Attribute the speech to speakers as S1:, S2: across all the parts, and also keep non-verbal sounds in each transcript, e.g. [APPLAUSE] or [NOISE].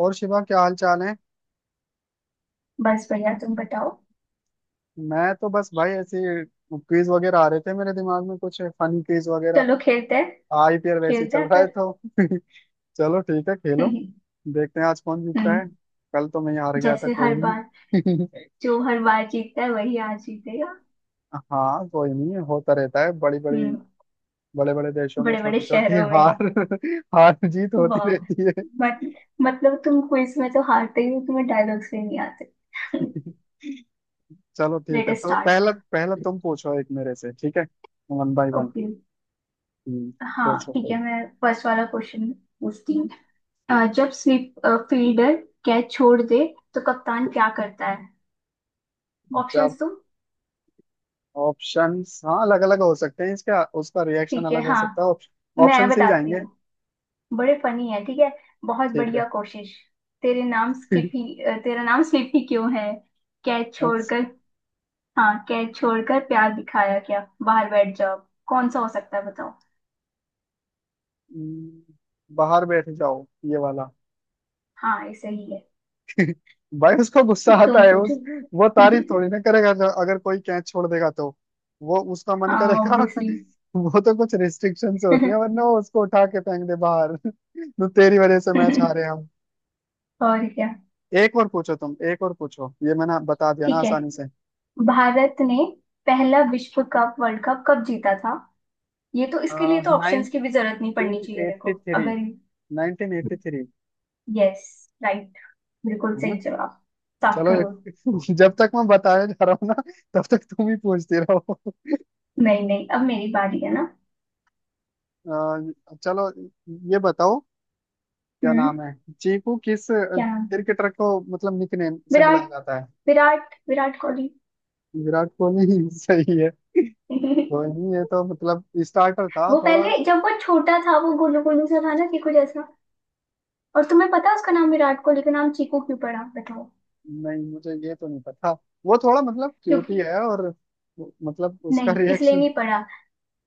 S1: और शिवा, क्या हाल चाल है।
S2: बस बढ़िया। तुम बताओ।
S1: मैं तो बस भाई ऐसे क्विज वगैरह आ रहे थे मेरे दिमाग में, कुछ फनी क्विज वगैरह।
S2: चलो, खेलते हैं।
S1: आईपीएल वैसे ही
S2: खेलते
S1: चल
S2: हैं
S1: रहा है
S2: फिर।
S1: तो। [LAUGHS] चलो ठीक है, खेलो।
S2: [LAUGHS]
S1: देखते हैं आज कौन जीतता
S2: हम्म।
S1: है। कल तो मैं ही हार गया था,
S2: जैसे
S1: कोई
S2: हर बार।
S1: नहीं। [LAUGHS]
S2: जो हर बार जीतता है वही आज जीतेगा।
S1: हाँ कोई नहीं, होता रहता है। बड़ी बड़ी
S2: हम्म।
S1: बड़े बड़े देशों में
S2: बड़े बड़े
S1: छोटी छोटी
S2: शहरों में।
S1: हार [LAUGHS] हार जीत होती
S2: वाह।
S1: रहती है।
S2: मत, मतलब तुम क्विज में तो हारते ही हो, तुम्हें डायलॉग्स भी नहीं आते। [LAUGHS]
S1: [LAUGHS] चलो ठीक
S2: लेट
S1: है, तो
S2: स्टार्ट।
S1: पहला पहला तुम पूछो एक मेरे से, ठीक है। One by one.
S2: ओके। हाँ,
S1: पूछो
S2: ठीक
S1: कोई।
S2: है। मैं फर्स्ट वाला क्वेश्चन पूछती हूँ। जब स्वीप फील्डर कैच छोड़ दे तो कप्तान क्या करता है?
S1: जब
S2: ऑप्शंस तुम।
S1: ऑप्शंस, हाँ, अलग अलग हो सकते हैं, इसका उसका रिएक्शन
S2: ठीक है,
S1: अलग हो
S2: हाँ।
S1: सकता है।
S2: मैं
S1: ऑप्शन से ही
S2: बताती
S1: जाएंगे।
S2: हूँ। बड़े फनी है, ठीक है। बहुत
S1: ठीक है।
S2: बढ़िया कोशिश। तेरे नाम स्लिप
S1: [LAUGHS]
S2: ही अ, तेरा नाम स्लिप ही क्यों है? कैच
S1: अच्छा।
S2: छोड़कर। हाँ, कैच छोड़कर प्यार दिखाया क्या? बाहर बैठ जाओ। कौन सा हो सकता है, बताओ?
S1: हम्म, बाहर बैठ जाओ, ये वाला।
S2: हाँ, ऐसे ही है।
S1: भाई उसको गुस्सा आता
S2: तुम
S1: है उस
S2: पूछो।
S1: वो तारीफ
S2: [LAUGHS]
S1: थोड़ी ना करेगा, अगर कोई कैच छोड़ देगा तो वो उसका मन
S2: हाँ,
S1: करेगा।
S2: ऑब्वियसली।
S1: [LAUGHS] वो तो कुछ रिस्ट्रिक्शन से होती है, वरना वो उसको उठा के फेंक दे बाहर। [LAUGHS] तो तेरी वजह से मैच हारे
S2: [LAUGHS]
S1: हम।
S2: और क्या।
S1: एक और पूछो तुम, एक और पूछो, ये मैंने बता दिया ना
S2: ठीक है।
S1: आसानी से।
S2: भारत ने पहला विश्व कप वर्ल्ड कप कब जीता था? ये तो, इसके लिए तो
S1: नाइनटीन
S2: ऑप्शंस की भी जरूरत नहीं पड़नी चाहिए, देखो,
S1: एट्टी थ्री।
S2: अगर।
S1: Nineteen eighty three,
S2: yes. Right. बिल्कुल
S1: है ना।
S2: सही जवाब। सात
S1: चलो एक।
S2: करोड़
S1: [LAUGHS] जब तक मैं बताया जा रहा हूँ ना, तब तक तुम ही पूछते रहो। [LAUGHS]
S2: नहीं, नहीं, अब मेरी बारी है ना।
S1: चलो, ये बताओ क्या
S2: हम्म।
S1: नाम है। चीकू किस
S2: क्या?
S1: क्रिकेटर को मतलब निकनेम से बुलाया
S2: विराट।
S1: जाता है।
S2: विराट, विराट कोहली।
S1: विराट कोहली, [LAUGHS] सही है।
S2: [LAUGHS]
S1: कोहली, ये तो मतलब स्टार्टर था
S2: वो
S1: थोड़ा।
S2: पहले, जब वो छोटा था, वो गोलू गोलू सा था ना, चीकू जैसा। और तुम्हें पता है उसका नाम, विराट कोहली का नाम चीकू क्यों पड़ा, बताओ?
S1: नहीं मुझे ये तो नहीं पता। वो थोड़ा मतलब क्यूटी
S2: क्योंकि।
S1: है और, मतलब उसका
S2: नहीं, इसलिए
S1: रिएक्शन।
S2: नहीं पड़ा।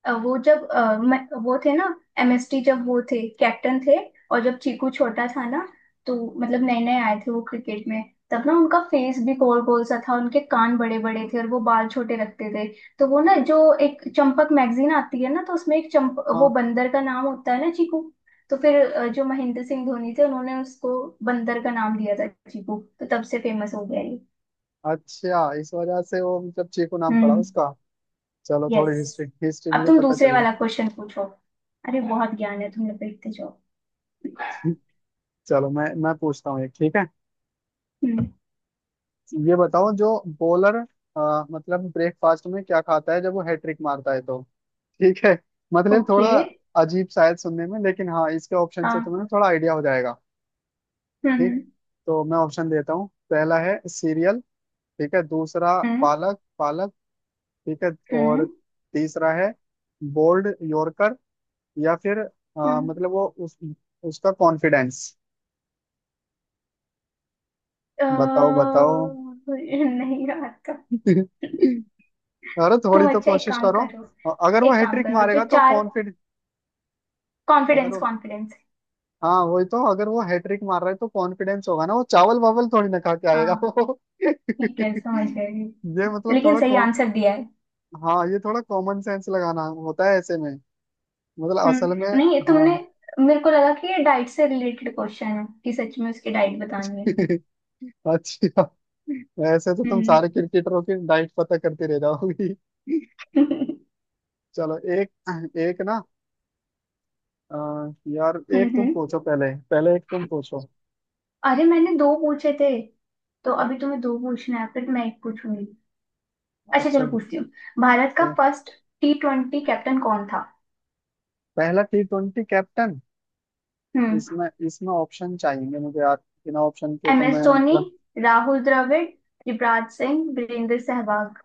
S2: वो जब वो थे ना। एमएसटी, जब वो थे, कैप्टन थे। और जब चीकू छोटा था ना। तो। मतलब नए नए आए थे वो क्रिकेट में। तब ना उनका फेस भी गोल गोल सा था, उनके कान बड़े बड़े थे, और वो बाल छोटे रखते थे। तो वो ना, जो, एक चंपक मैगजीन आती है ना, तो उसमें एक चंप, वो
S1: हाँ।
S2: बंदर का नाम होता है ना, चीकू। तो फिर जो महेंद्र सिंह धोनी थे, उन्होंने उसको बंदर का नाम दिया था चीकू। तो तब से फेमस हो गया ये।
S1: अच्छा, इस वजह से वो मतलब चीकू नाम पड़ा
S2: हम्म।
S1: उसका। चलो, थोड़ी
S2: यस।
S1: हिस्ट्री हिस्ट्री
S2: अब
S1: मुझे
S2: तुम
S1: पता
S2: दूसरे
S1: चलेगी।
S2: वाला क्वेश्चन पूछो। अरे, बहुत ज्ञान है, तुमने देखते जाओ।
S1: [LAUGHS] चलो मैं पूछता हूँ एक, ठीक है।
S2: हम्म।
S1: ये बताओ, जो बॉलर मतलब ब्रेकफास्ट में क्या खाता है जब वो हैट्रिक मारता है तो। ठीक है। मतलब थोड़ा
S2: ओके।
S1: अजीब शायद सुनने में, लेकिन हाँ इसके ऑप्शन से
S2: हाँ।
S1: तुम्हें थोड़ा आइडिया हो जाएगा। ठीक।
S2: हम्म।
S1: तो मैं ऑप्शन देता हूँ। पहला है सीरियल, ठीक है। दूसरा
S2: हम्म।
S1: पालक पालक, ठीक है।
S2: हम्म।
S1: और
S2: हम्म।
S1: तीसरा है बोल्ड यॉर्कर, या फिर
S2: हम्म।
S1: मतलब वो उस उसका कॉन्फिडेंस। बताओ बताओ।
S2: अ, नहीं, रात का।
S1: [LAUGHS] अरे थोड़ी
S2: तुम
S1: तो
S2: अच्छा एक
S1: कोशिश
S2: काम
S1: करो।
S2: करो।
S1: अगर वो
S2: एक काम
S1: हैट्रिक
S2: करो, जो
S1: मारेगा तो
S2: चार।
S1: कॉन्फिडेंस, अगर
S2: कॉन्फिडेंस,
S1: वो,
S2: कॉन्फिडेंस।
S1: हाँ वही, तो अगर वो हैट्रिक मार रहा है तो कॉन्फिडेंस होगा ना, वो चावल वावल थोड़ी ना खा के आएगा
S2: हाँ,
S1: वो। [LAUGHS]
S2: ठीक है, समझ गई।
S1: ये मतलब
S2: लेकिन सही आंसर दिया है।
S1: हाँ ये थोड़ा कॉमन सेंस लगाना होता है ऐसे में, मतलब असल में।
S2: हम्म। नहीं,
S1: हाँ।
S2: तुमने। मेरे को लगा कि ये डाइट से रिलेटेड क्वेश्चन है, कि सच में उसकी डाइट बतानी है।
S1: [LAUGHS] अच्छा, ऐसे तो तुम
S2: हम्म।
S1: सारे क्रिकेटरों की डाइट पता करती रह जाओगी।
S2: [LAUGHS] हम्म।
S1: चलो एक, एक ना, अ, यार एक तुम
S2: हम्म।
S1: पूछो, पहले पहले एक तुम पूछो।
S2: अरे, मैंने दो पूछे थे, तो अभी तुम्हें दो पूछना है, फिर मैं एक पूछूंगी। अच्छा,
S1: अच्छा।
S2: चलो पूछती हूँ। भारत का
S1: तो
S2: फर्स्ट टी ट्वेंटी कैप्टन कौन था?
S1: पहला टी ट्वेंटी कैप्टन,
S2: हम्म।
S1: इसमें इसमें ऑप्शन चाहिए मुझे यार, बिना ऑप्शन के तो
S2: एम एस
S1: मैं
S2: धोनी,
S1: मतलब।
S2: राहुल द्रविड़, युवराज सिंह, वीरेंद्र सहवाग।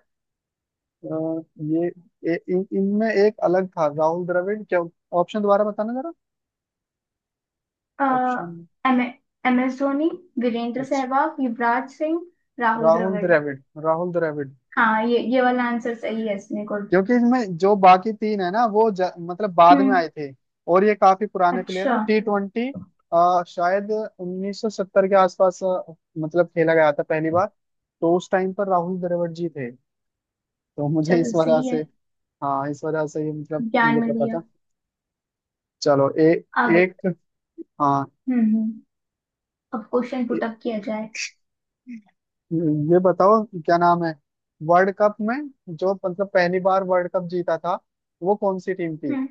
S1: अ, ये इन इनमें एक अलग था राहुल द्रविड़ क्या। ऑप्शन दोबारा बताना जरा।
S2: अ
S1: option.
S2: M M S Dhoni, Virender
S1: अच्छा।
S2: सहवाग, युवराज सिंह, राहुल
S1: राहुल
S2: द्रविड़।
S1: द्रविड़। राहुल द्रविड़।
S2: हाँ, ये वाला आंसर सही है, इसमें गुड।
S1: क्योंकि इसमें जो बाकी तीन है ना वो मतलब बाद में
S2: हम्म।
S1: आए थे, और ये काफी पुराने प्लेयर
S2: अच्छा।
S1: हैं टी ट्वेंटी। शायद 1970 के आसपास मतलब खेला गया था पहली बार। तो उस टाइम पर राहुल द्रविड़ जी थे। तो मुझे
S2: चलो,
S1: इस वजह
S2: सही है।
S1: से, हाँ इस वजह से ये मतलब
S2: ज्ञान
S1: मुझे
S2: मिल
S1: पता
S2: गया।
S1: था। चलो
S2: अब,
S1: एक, हाँ
S2: हम्म, अब क्वेश्चन
S1: ए,
S2: पुट अप किया जाए।
S1: ये बताओ क्या नाम है। वर्ल्ड कप में जो मतलब पहली बार वर्ल्ड कप जीता था, वो कौन सी टीम थी।
S2: हम्म।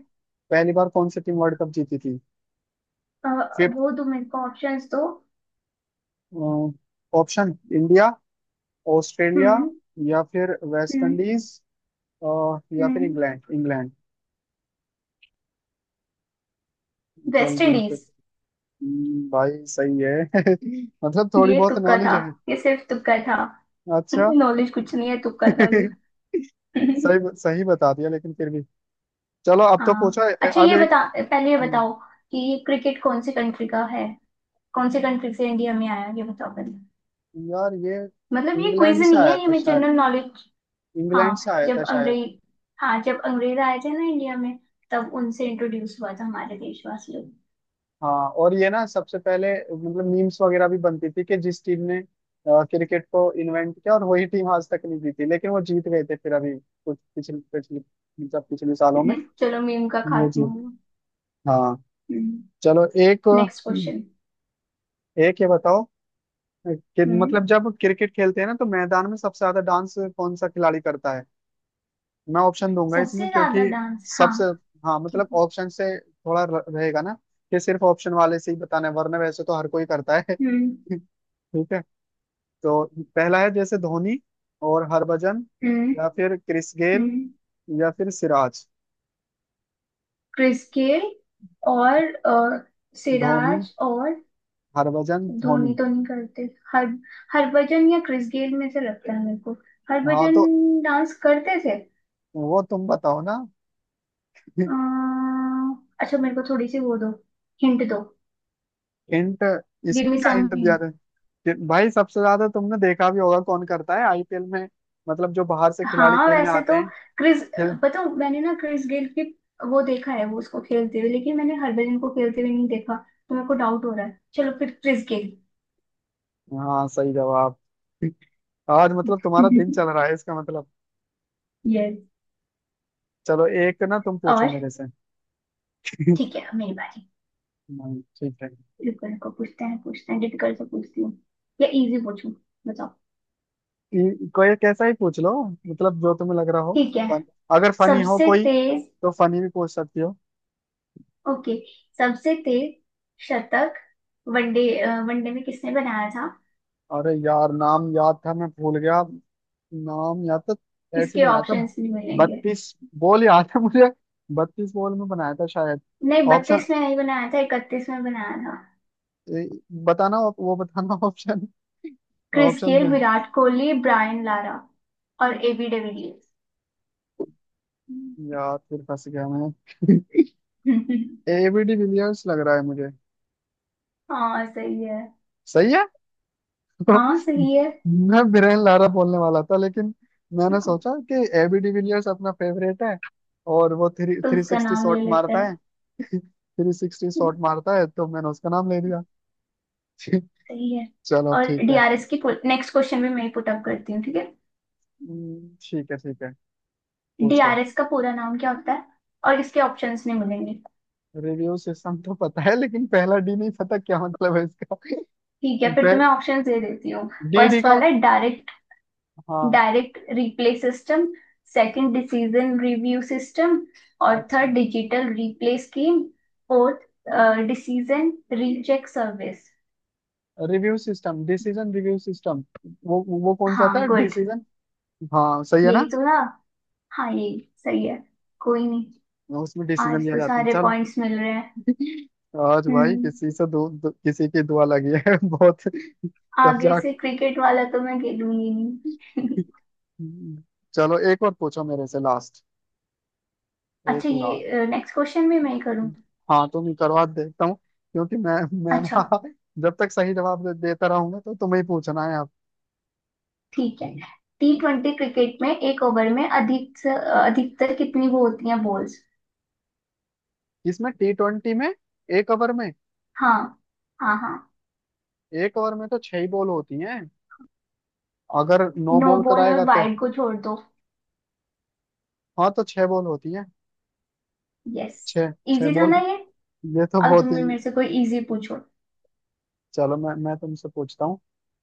S1: पहली बार कौन सी टीम वर्ल्ड कप जीती थी।
S2: अ,
S1: फिफ्थ।
S2: वो दो मेरे को ऑप्शंस दो।
S1: ऑप्शन इंडिया, ऑस्ट्रेलिया,
S2: हम्म।
S1: या फिर वेस्ट
S2: हम्म।
S1: इंडीज, और या फिर
S2: हम्म।
S1: England England.
S2: वेस्ट
S1: जल्दी से।
S2: इंडीज।
S1: भाई सही है। [LAUGHS] मतलब थोड़ी
S2: ये
S1: बहुत
S2: तुक्का
S1: नॉलेज
S2: था।
S1: है।
S2: ये सिर्फ तुक्का था।
S1: अच्छा।
S2: नॉलेज कुछ नहीं है, तुक्का था ये।
S1: [LAUGHS] सही सही बता दिया लेकिन फिर भी। चलो अब तो
S2: हाँ।
S1: पूछो।
S2: अच्छा,
S1: अब
S2: ये
S1: एक।
S2: बता पहले, ये बताओ कि क्रिकेट कौन से कंट्री का है, कौन से कंट्री से इंडिया में आया, ये बताओ पहले।
S1: यार ये
S2: मतलब ये क्विज
S1: इंग्लैंड से
S2: नहीं
S1: आया
S2: है, ये
S1: था
S2: मैं
S1: शायद।
S2: General knowledge.
S1: इंग्लैंड से
S2: हाँ
S1: आया था
S2: जब
S1: शायद।
S2: अंग्रेज हाँ, जब अंग्रेज आए थे ना इंडिया में, तब उनसे इंट्रोड्यूस हुआ था हमारे देशवासियों
S1: हाँ और ये ना सबसे पहले मतलब मीम्स वगैरह भी बनती थी कि जिस टीम ने क्रिकेट को इन्वेंट किया और वही टीम आज तक नहीं जीती, लेकिन वो जीत गए थे फिर अभी कुछ पिछले पिछले मतलब पिछले सालों में।
S2: को। चलो, मीम का
S1: वो जी।
S2: खात्मा हुआ।
S1: हाँ। चलो एक,
S2: नेक्स्ट क्वेश्चन।
S1: एक ये बताओ कि
S2: हम्म।
S1: मतलब जब क्रिकेट खेलते हैं ना, तो मैदान में सबसे ज्यादा डांस कौन सा खिलाड़ी करता है। मैं ऑप्शन दूंगा इसमें,
S2: सबसे
S1: क्योंकि
S2: ज्यादा डांस, हाँ।
S1: सबसे, हाँ मतलब
S2: ठीक है।
S1: ऑप्शन से थोड़ा रहेगा ना, कि सिर्फ ऑप्शन वाले से ही बताना है, वरना वैसे तो हर कोई करता है। [LAUGHS]
S2: हम्म।
S1: ठीक है। तो पहला है जैसे धोनी और हरभजन,
S2: हम्म।
S1: या फिर क्रिस गेल,
S2: हम्म।
S1: या फिर सिराज।
S2: क्रिस गेल और
S1: धोनी,
S2: सिराज और।
S1: हरभजन, धोनी।
S2: धोनी तो नहीं करते। हर हरभजन या क्रिस गेल में से लगता है मेरे को।
S1: हाँ
S2: हरभजन
S1: तो
S2: डांस करते थे।
S1: वो तुम बताओ ना।
S2: अ,
S1: [LAUGHS]
S2: अच्छा, मेरे को थोड़ी सी वो दो, हिंट दो।
S1: हिंट? इसमें
S2: गिव मी
S1: क्या
S2: सम।
S1: हिंट दिया था? कि भाई सबसे ज्यादा तुमने देखा भी होगा कौन करता है आईपीएल में, मतलब जो बाहर से खिलाड़ी
S2: हाँ,
S1: खेलने
S2: वैसे
S1: आते
S2: तो,
S1: हैं।
S2: क्रिस, पता हूँ, मैंने ना क्रिस गेल की वो देखा है, वो उसको खेलते हुए, लेकिन मैंने हरभजन को खेलते हुए नहीं देखा। तो मेरे को डाउट हो रहा है, चलो फिर क्रिस गेल।
S1: हाँ सही जवाब। आज मतलब तुम्हारा दिन
S2: [LAUGHS]
S1: चल रहा है, इसका मतलब।
S2: यस।
S1: चलो एक ना तुम पूछो
S2: और
S1: मेरे से। [LAUGHS]
S2: ठीक है, अब मेरी बारी।
S1: नहीं, ठीक है।
S2: रुको, रुको, पूछते हैं, पूछते हैं, डिफिकल्ट से पूछती हूँ या इजी पूछूं, बताओ?
S1: कोई कैसा ही पूछ लो, मतलब जो तुम्हें लग रहा हो।
S2: ठीक है।
S1: फन, अगर फनी हो
S2: सबसे
S1: कोई
S2: तेज।
S1: तो फनी भी पूछ सकती हो।
S2: ओके, सबसे तेज शतक वनडे, वनडे में किसने बनाया था?
S1: अरे यार नाम याद था, मैं भूल गया। नाम याद तो, ऐसे ही
S2: इसके
S1: बनाया था।
S2: ऑप्शंस नहीं मिलेंगे।
S1: 32 बॉल याद है मुझे, 32 बॉल में बनाया था शायद।
S2: नहीं,
S1: ऑप्शन,
S2: 32 में नहीं बनाया था, 31 में बनाया था।
S1: ए, बताना वो बताना। [LAUGHS] ऑप्शन,
S2: क्रिस
S1: ऑप्शन
S2: गेल,
S1: दे।
S2: विराट कोहली, ब्रायन लारा, और एबी डिविलियर्स।
S1: यार फिर फंस गया मैं। [LAUGHS]
S2: [LAUGHS]
S1: एबीडी विलियर्स लग रहा है मुझे।
S2: हाँ, सही है।
S1: सही है। [LAUGHS]
S2: हाँ, सही है।
S1: मैं बिरेन लारा बोलने वाला था, लेकिन मैंने
S2: तो
S1: सोचा कि एबीडी विलियर्स अपना फेवरेट है, और वो थ्री थ्री
S2: उसका
S1: सिक्सटी
S2: नाम ले
S1: शॉट
S2: लेते
S1: मारता
S2: हैं।
S1: है। [LAUGHS] थ्री सिक्सटी शॉट मारता है तो मैंने उसका नाम ले लिया। [LAUGHS]
S2: सही है।
S1: चलो
S2: और
S1: ठीक है।
S2: डीआरएस की, नेक्स्ट क्वेश्चन भी मैं ही पुट अप करती हूँ, ठीक है।
S1: ठीक है ठीक है, पूछो।
S2: डीआरएस का पूरा नाम क्या होता है? और इसके ऑप्शंस नहीं मिलेंगे।
S1: रिव्यू सिस्टम तो पता है, लेकिन पहला डी नहीं पता क्या मतलब है इसका।
S2: ठीक है, फिर तो मैं
S1: [LAUGHS]
S2: ऑप्शंस दे देती हूँ।
S1: डी डी
S2: फर्स्ट
S1: का।
S2: वाला है डायरेक्ट,
S1: हाँ।
S2: Direct replay system. Second, decision review system. और
S1: अच्छा।
S2: Third, digital replay scheme. Fourth, decision recheck service.
S1: Review system, decision review system. वो कौन सा था,
S2: हाँ, गुड,
S1: डिसीजन? हाँ सही है
S2: यही
S1: ना।
S2: तो था। हाँ, यही सही है। कोई नहीं।
S1: उसमें डिसीजन
S2: आज
S1: लिया
S2: तो
S1: जाता है,
S2: सारे
S1: चलो।
S2: पॉइंट्स मिल रहे हैं।
S1: आज भाई,
S2: हम्म।
S1: दो किसी की दुआ लगी है [LAUGHS] बहुत। तब
S2: आगे
S1: जा।
S2: से क्रिकेट वाला तो मैं खेलूंगी नहीं।
S1: चलो एक और पूछो मेरे से, लास्ट।
S2: [LAUGHS]
S1: एक
S2: अच्छा,
S1: लास्ट,
S2: ये नेक्स्ट क्वेश्चन भी मैं करूँ?
S1: हाँ तुम ही करवा, देखता हूँ। क्योंकि मैं, मैं
S2: अच्छा,
S1: ना जब तक सही जवाब देता रहूंगा तो तुम्हें ही पूछना है अब।
S2: ठीक है। टी ट्वेंटी क्रिकेट में एक ओवर में अधिकतर कितनी वो होती हैं, बॉल्स?
S1: इसमें टी ट्वेंटी में एक ओवर में,
S2: हाँ, हाँ, हाँ।
S1: एक ओवर में तो 6 ही बॉल होती हैं। अगर 9
S2: नो
S1: बॉल
S2: बॉल और
S1: कराएगा तो,
S2: वाइड को छोड़ दो।
S1: हाँ तो 6 बॉल होती है,
S2: यस।
S1: छः छः
S2: इजी था
S1: बॉल।
S2: ना ये।
S1: ये तो
S2: अब
S1: बहुत
S2: तुम
S1: ही,
S2: भी मेरे से कोई इजी पूछो।
S1: चलो मैं तुमसे पूछता हूँ।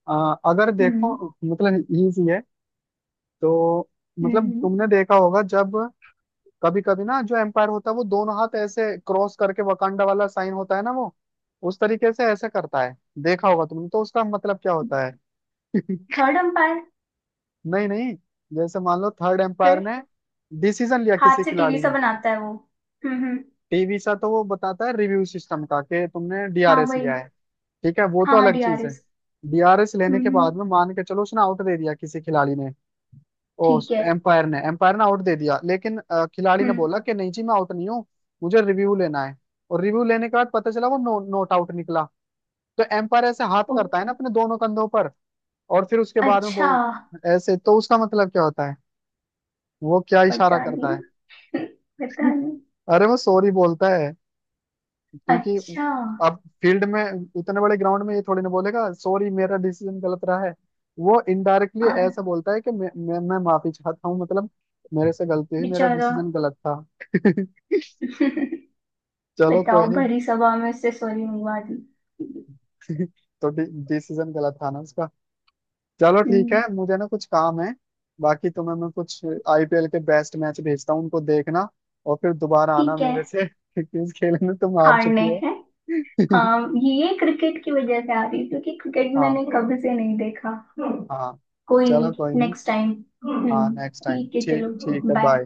S1: अगर देखो,
S2: हम्म।
S1: मतलब इजी है, तो मतलब
S2: हम्म।
S1: तुमने देखा होगा जब कभी कभी ना जो एम्पायर होता है वो दोनों हाथ ऐसे क्रॉस करके वकांडा वाला साइन होता है ना, वो उस तरीके से ऐसे करता है। देखा होगा तुमने, तो उसका मतलब क्या होता है? [LAUGHS]
S2: Third umpire.
S1: नहीं नहीं, जैसे मान लो थर्ड एम्पायर
S2: फिर
S1: ने डिसीजन लिया
S2: हाथ
S1: किसी
S2: से टीवी
S1: खिलाड़ी
S2: सा
S1: ने।
S2: बनाता है वो। हम्म। हम्म।
S1: टीवी सा तो वो बताता है रिव्यू सिस्टम का, कि तुमने
S2: हाँ,
S1: डीआरएस
S2: वही।
S1: लिया है। ठीक है, वो तो
S2: हाँ, हाँ,
S1: अलग चीज है।
S2: डीआरएस।
S1: डीआरएस लेने के
S2: हम्म। हम्म।
S1: बाद में मान के चलो उसने आउट दे दिया किसी खिलाड़ी ने। ओ
S2: ठीक है।
S1: एम्पायर ने, एम्पायर ने आउट दे दिया, लेकिन खिलाड़ी ने
S2: हम्म।
S1: बोला कि नहीं जी मैं आउट नहीं हूँ, मुझे रिव्यू लेना है। और रिव्यू लेने के बाद पता चला वो नो, नॉट आउट निकला। तो एम्पायर ऐसे हाथ करता
S2: ओके।
S1: है ना अपने दोनों कंधों पर, और फिर उसके बाद में
S2: अच्छा,
S1: बोल ऐसे, तो उसका मतलब क्या होता है, वो क्या इशारा
S2: पता नहीं।
S1: करता है?
S2: [LAUGHS] पता नहीं।
S1: अरे वो सॉरी बोलता है, क्योंकि
S2: अच्छा,
S1: अब फील्ड में, इतने बड़े ग्राउंड में ये थोड़ी ना बोलेगा सॉरी मेरा डिसीजन गलत रहा है। वो इनडायरेक्टली
S2: आ,
S1: ऐसा बोलता है कि मैं माफी चाहता हूँ, मतलब मेरे से गलती हुई, मेरा
S2: बेचारा।
S1: डिसीजन गलत था। [LAUGHS]
S2: [LAUGHS]
S1: चलो
S2: बताओ,
S1: कोई नहीं।
S2: भरी सभा में उससे सॉरी मंगवा दी।
S1: [LAUGHS] तो डिसीजन गलत था ना उसका। चलो ठीक
S2: हम्म,
S1: है, मुझे ना कुछ काम है। बाकी तुम्हें मैं कुछ आईपीएल के बेस्ट मैच भेजता हूँ, उनको देखना। और फिर दोबारा आना
S2: ठीक है।
S1: मेरे से, [LAUGHS] क्योंकि इस खेल में तुम हार
S2: हारने
S1: चुकी हो।
S2: हैं। हाँ,
S1: [LAUGHS]
S2: ये क्रिकेट की वजह से आ रही है, क्योंकि क्रिकेट
S1: हाँ।
S2: मैंने कभी से नहीं देखा।
S1: हाँ।
S2: कोई
S1: चलो कोई
S2: नहीं,
S1: नहीं।
S2: Next time.
S1: हाँ
S2: हम्म।
S1: नेक्स्ट टाइम
S2: ठीक है,
S1: ठीक,
S2: चलो,
S1: ठीक है,
S2: बाय।
S1: बाय।